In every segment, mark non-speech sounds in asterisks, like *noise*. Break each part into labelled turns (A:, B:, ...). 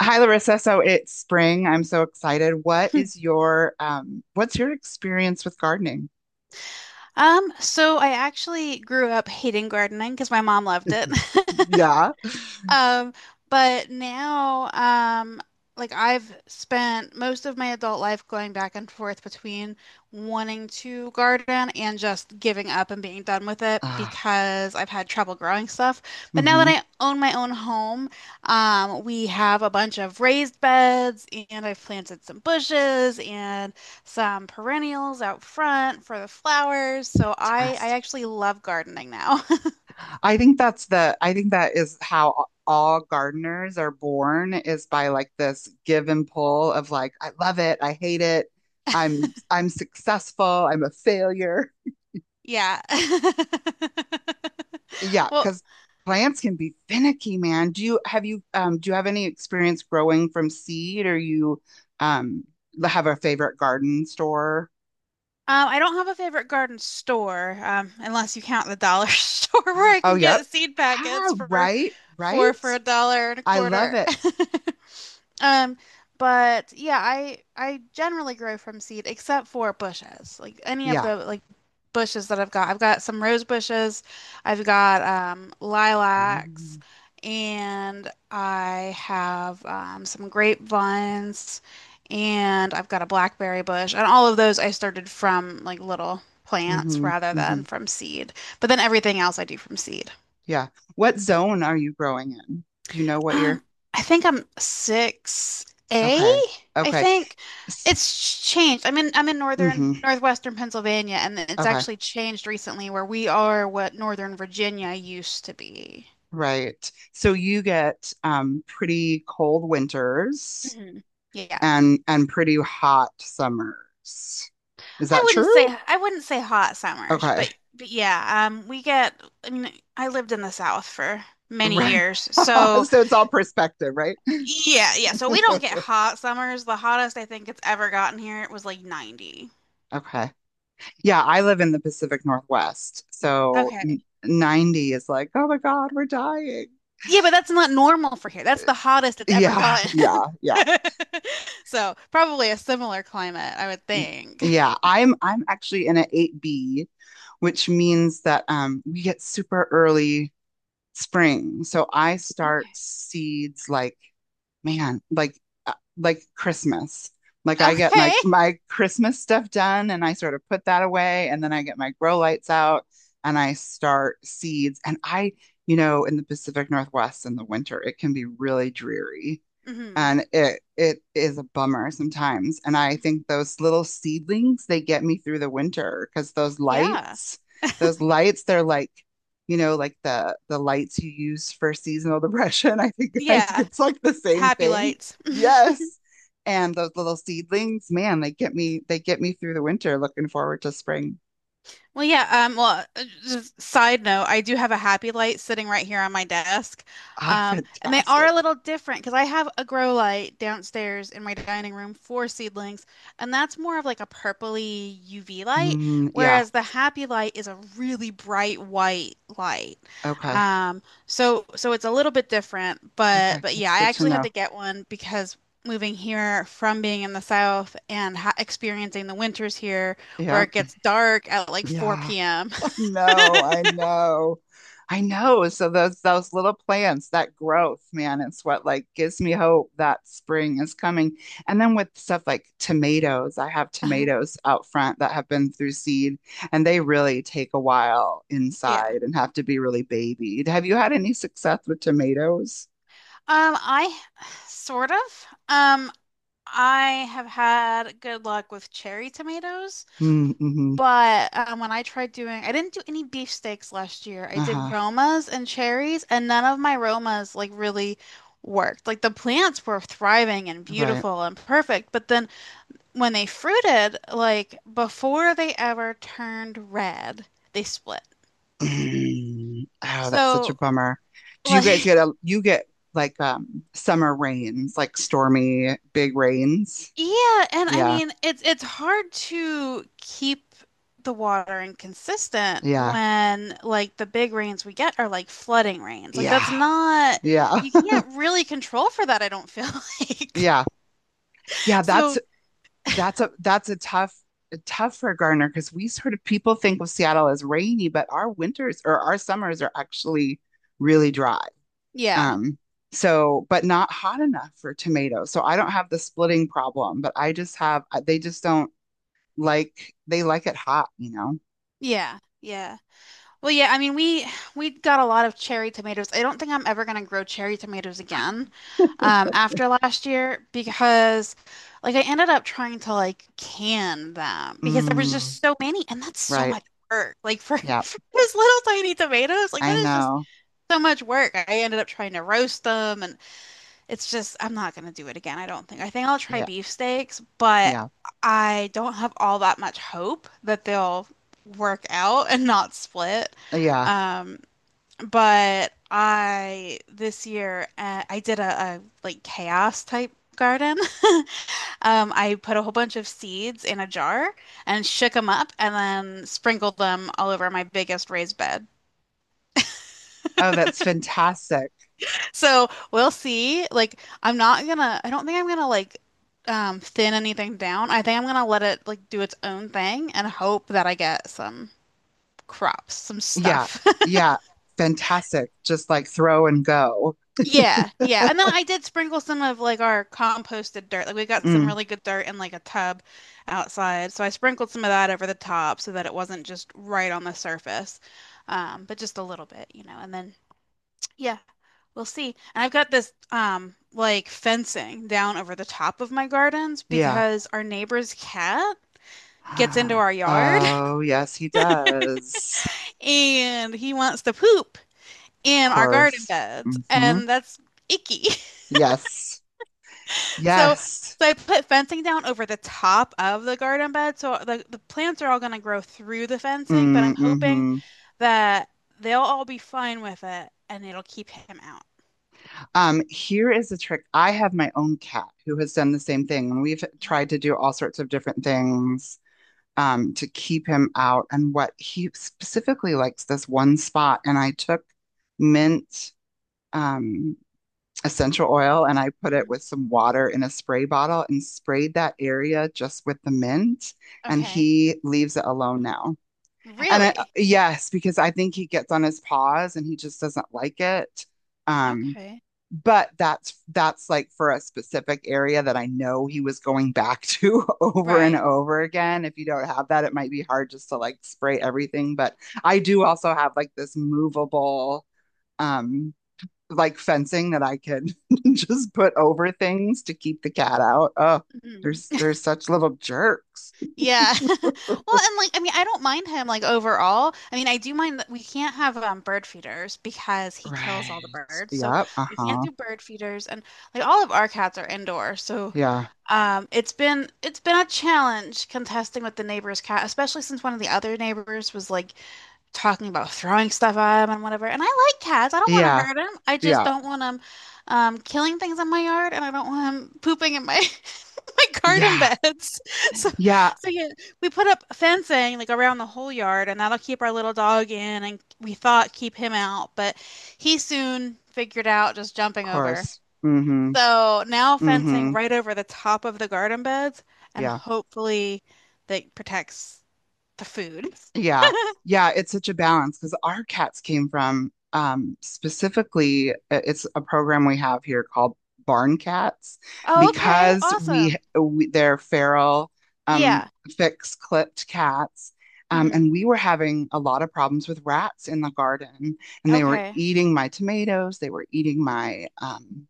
A: Hi, Larissa. So it's spring. I'm so excited. What
B: Hmm.
A: is your what's your experience with gardening?
B: So I actually grew up hating gardening because my mom loved it.
A: *laughs*
B: *laughs*
A: Yeah.
B: Um, but now, like I've spent most of my adult life going back and forth between wanting to garden and just giving up and being done with it
A: Ah,
B: because I've had trouble growing stuff. But now that
A: mm-hmm.
B: I own my own home, we have a bunch of raised beds and I've planted some bushes and some perennials out front for the flowers. So I
A: Fantastic.
B: actually love gardening now. *laughs*
A: I think that is how all gardeners are born is by like this give and pull of like I love it, I hate it, I'm successful, I'm a failure.
B: Yeah. *laughs*
A: Yeah,
B: Well,
A: because plants can be finicky, man. Do you have any experience growing from seed or you um have a favorite garden store?
B: um, I don't have a favorite garden store, unless you count the dollar *laughs* store where I
A: Oh,
B: can get
A: yep.
B: seed
A: Ah,
B: packets for
A: right,
B: for
A: right.
B: for a dollar and a
A: I love
B: quarter. *laughs*
A: it.
B: Um, but yeah, I generally grow from seed except for bushes. Like any of
A: Yeah.
B: the like bushes that I've got. I've got some rose bushes, I've got lilacs,
A: Mm-hmm.
B: and I have some grapevines, and I've got a blackberry bush. And all of those I started from like little plants
A: Mm-hmm.
B: rather
A: Mm-hmm.
B: than from seed. But then everything else I do from seed.
A: Yeah. What zone are you growing in? Do you know what year?
B: Um, I think I'm six A,
A: Okay.
B: I
A: Okay.
B: think. It's changed. I'm in
A: Mm-hmm.
B: northern northwestern Pennsylvania, and it's
A: Okay.
B: actually changed recently where we are what Northern Virginia used to be.
A: Right. So you get pretty cold winters
B: Hmm. Yeah.
A: and pretty hot summers. Is
B: I
A: that
B: wouldn't
A: true?
B: say I wouldn't say hot summers,
A: Okay.
B: but yeah, we get, I mean I lived in the South for many
A: Right.
B: years.
A: *laughs*
B: So
A: So it's all perspective, right?
B: yeah, yeah. So we don't get
A: *laughs*
B: hot summers. The hottest I think it's ever gotten here, it was like 90.
A: Okay. Yeah, I live in the Pacific Northwest. So
B: Okay.
A: 90 is like, "Oh my god, we're dying."
B: Yeah, but that's not normal for here. That's the hottest it's ever
A: Yeah,
B: gotten.
A: yeah,
B: *laughs*
A: yeah.
B: So probably a similar climate, I would think.
A: Yeah, I'm actually in an 8B, which means that we get super early spring. So I start
B: Okay. *laughs*
A: seeds like man, like Christmas. Like I get my
B: Okay.
A: my Christmas stuff done and I sort of put that away, and then I get my grow lights out and I start seeds, and I, you know, in the Pacific Northwest in the winter, it can be really dreary,
B: Hmm.
A: and it is a bummer sometimes. And I think those little seedlings, they get me through the winter because
B: Yeah.
A: those lights, they're like, you know, like the lights you use for seasonal *laughs* depression. I think
B: Yeah.
A: it's like the same
B: Happy
A: thing.
B: lights. *laughs*
A: Yes. And those little seedlings, man, they get me through the winter looking forward to spring.
B: Well, yeah, just side note, I do have a Happy Light sitting right here on my desk.
A: Ah, *laughs*
B: And they are
A: fantastic.
B: a little different because I have a grow light downstairs in my dining room for seedlings, and that's more of like a purpley UV light,
A: Mm, yeah.
B: whereas the Happy Light is a really bright white light.
A: Okay.
B: So it's a little bit different,
A: Okay.
B: but
A: That's
B: yeah, I
A: good to
B: actually had
A: know.
B: to get one because moving here from being in the South and ha experiencing the winters here where
A: Yeah.
B: it gets dark at like
A: Yeah.
B: 4 p.m.
A: No, I know. I know. So those little plants, that growth, man, it's what like gives me hope that spring is coming. And then with stuff like tomatoes, I have
B: *laughs*
A: tomatoes out front that have been through seed, and they really take a while
B: Yeah.
A: inside and have to be really babied. Have you had any success with tomatoes?
B: I *sighs* sort of. I have had good luck with cherry tomatoes,
A: Mm-hmm.
B: but when I tried doing, I didn't do any beefsteaks last year. I did
A: Uh-huh.
B: Romas and cherries, and none of my Romas like really worked. Like the plants were thriving and
A: Right.
B: beautiful and perfect, but then when they fruited, like before they ever turned red, they split.
A: Mm. Oh, that's such a
B: So
A: bummer. Do you guys
B: like.
A: get
B: *laughs*
A: a you get Like summer rains, like stormy big rains?
B: Yeah, and I
A: Yeah.
B: mean it's hard to keep the watering consistent
A: Yeah.
B: when like the big rains we get are like flooding rains. Like that's
A: Yeah.
B: not,
A: Yeah.
B: you can't
A: *laughs*
B: really control for that, I don't feel, *laughs* like.
A: Yeah. Yeah,
B: So,
A: that's a tough tough for Garner because we sort of people think of Seattle as rainy, but our winters or our summers are actually really dry.
B: yeah.
A: Um so but not hot enough for tomatoes. So I don't have the splitting problem, but I just have they just don't like they like it hot, you know?
B: Yeah. Yeah. Well, yeah, I mean we got a lot of cherry tomatoes. I don't think I'm ever gonna grow cherry tomatoes again, after last year, because like I ended up trying to like can them because there was
A: Mm,
B: just so many, and that's so
A: right.
B: much work. Like for, *laughs*
A: Yeah.
B: for those little tiny tomatoes, like
A: I
B: that is just
A: know.
B: so much work. I ended up trying to roast them, and it's just I'm not gonna do it again, I don't think. I think I'll try
A: Yeah.
B: beefsteaks, but
A: Yeah.
B: I don't have all that much hope that they'll work out and not split.
A: Yeah.
B: Um, but I this year I did a like chaos type garden. *laughs* I put a whole bunch of seeds in a jar and shook them up and then sprinkled them all over my biggest raised bed.
A: Oh, that's fantastic.
B: So we'll see. Like, I don't think I'm gonna like thin anything down. I think I'm gonna let it like do its own thing and hope that I get some crops, some
A: Yeah.
B: stuff. *laughs*
A: Yeah. Fantastic. Just like throw and go.
B: Yeah, yeah. And then I did sprinkle some of like our composted dirt. Like we got some
A: Mm,
B: really good dirt in like a tub outside. So I sprinkled some of that over the top so that it wasn't just right on the surface. But just a little bit, you know. And then yeah, we'll see. And I've got this like fencing down over the top of my gardens
A: yeah.
B: because our neighbor's cat
A: *gasps*
B: gets into
A: *sighs*
B: our yard
A: Oh, yes, he does.
B: *laughs* and he wants to poop
A: Of
B: in our garden
A: course.
B: beds,
A: Hmm.
B: and that's icky. *laughs*
A: Yes.
B: So
A: Yes.
B: so I put fencing down over the top of the garden bed. So the plants are all going to grow through the fencing, but I'm hoping
A: Mm-hmm.
B: that they'll all be fine with it, and it'll keep him out.
A: Here is a trick. I have my own cat who has done the same thing, and we've tried to do all sorts of different things to keep him out. And what he specifically likes this one spot, and I took mint um, essential oil, and I put it
B: Mhm.
A: with some water in a spray bottle and sprayed that area just with the mint. And
B: Okay.
A: he leaves it alone now. And I,
B: Really?
A: yes, because I think he gets on his paws and he just doesn't like it. Um,
B: Okay.
A: but that's like for a specific area that I know he was going back to *laughs* over and
B: Right.
A: over again. If you don't have that, it might be hard just to like spray everything. But I do also have like this movable um like fencing that I can *laughs* just put over things to keep the cat out. Oh,
B: Mhm.
A: there's such little jerks.
B: Yeah. *laughs* Well, and like I mean, I don't mind him like overall. I mean, I do mind that we can't have bird feeders because he kills all the
A: Right.
B: birds. So
A: Yep.
B: we can't
A: Uh-huh.
B: do bird feeders, and like all of our cats are indoor. So
A: Yeah.
B: it's been a challenge contesting with the neighbor's cat, especially since one of the other neighbors was like talking about throwing stuff at him and whatever. And I like cats. I don't want to
A: Yeah.
B: hurt him. I just
A: Yeah.
B: don't want him, killing things in my yard, and I don't want him pooping in my *laughs* my garden
A: Yeah.
B: beds. *laughs* So,
A: Yeah.
B: so yeah, we put up fencing like around the whole yard, and that'll keep our little dog in, and we thought keep him out, but he soon figured out just jumping
A: Of
B: over.
A: course. Mm-hmm.
B: So now fencing
A: Mm-hmm.
B: right over the top of the garden beds, and
A: Yeah.
B: hopefully that protects the food.
A: Yeah. Yeah, it's such a balance because our cats came from specifically it's a program we have here called Barn Cats
B: Oh, okay.
A: because
B: Awesome.
A: we they're feral um
B: Yeah.
A: fixed clipped cats.
B: Hmm.
A: And we were having a lot of problems with rats in the garden, and they were
B: Okay.
A: eating my tomatoes. They were eating my um,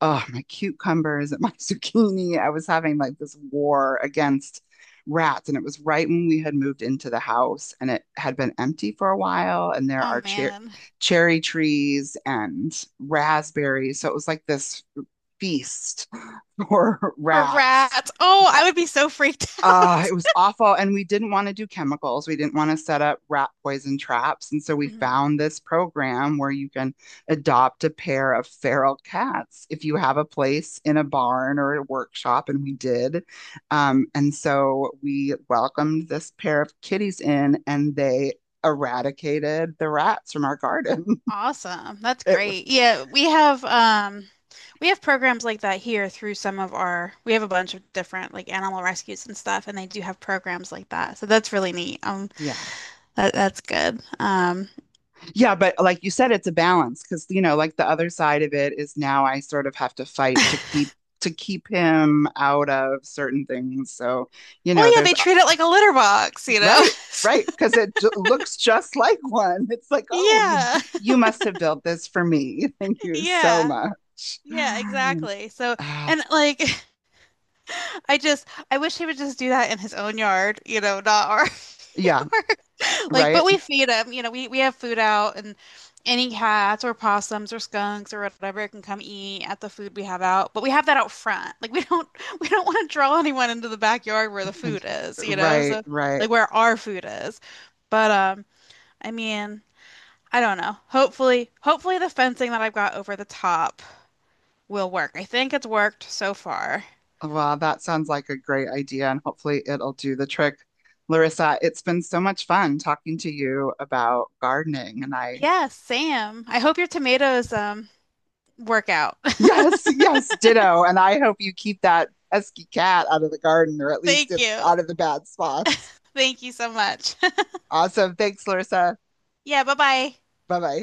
A: oh, my cucumbers and my *laughs* zucchini. I was having like this war against rats, and it was right when we had moved into the house and it had been empty for a while, and there
B: Oh,
A: are
B: man.
A: cherry trees and raspberries, so it was like this feast for *laughs*
B: For
A: rats.
B: rats. Oh, I would be so freaked *laughs*
A: Uh,
B: out.
A: it was awful. And we didn't want to do chemicals. We didn't want to set up rat poison traps. And so we
B: Mhm.
A: found this program where you can adopt a pair of feral cats if you have a place in a barn or a workshop. And we did. And so we welcomed this pair of kitties in, and they eradicated the rats from our garden. *laughs*
B: Awesome. That's
A: It, wa-
B: great. Yeah, we have we have programs like that here through some of our, we have a bunch of different like animal rescues and stuff, and they do have programs like that. So that's really neat.
A: yeah.
B: That that's good.
A: Yeah, but like you said, it's a balance because, you know, like the other side of it is now I sort of have to fight to keep him out of certain things. So, you know,
B: Well, yeah,
A: there's
B: they treat it like a litter box, you know?
A: right,
B: *laughs*
A: right, because it j looks just *laughs* like one. It's like, oh,
B: Yeah,
A: you must have built this for me. *laughs* Thank you so
B: yeah,
A: much.
B: yeah,
A: *sighs*
B: exactly. So,
A: Ah,
B: and like, *laughs* I just, I wish he would just do that in his own yard, you know, not our
A: yeah,
B: *laughs* yard. Like,
A: right,
B: but we feed him, you know, we have food out, and any cats or possums or skunks or whatever can come eat at the food we have out. But we have that out front. Like, we don't, *laughs* we don't want to draw anyone into the backyard where the food
A: *laughs*
B: is, you know?
A: right,
B: So,
A: right.
B: like, where our food is. But I mean. I don't know. Hopefully the fencing that I've got over the top will work. I think it's worked so far.
A: Well, that sounds like a great idea, and hopefully it'll do the trick. Larissa, it's been so much fun talking to you about gardening, and I,
B: Yes, Sam. I hope your tomatoes work out.
A: *laughs* yes, yes, ditto. And I hope you keep that pesky cat out of the garden, or at
B: *laughs*
A: least
B: Thank
A: in,
B: you.
A: out of the bad spots.
B: Thank you so much. *laughs*
A: Awesome. Thanks, Larissa.
B: Yeah, bye-bye.
A: Bye bye.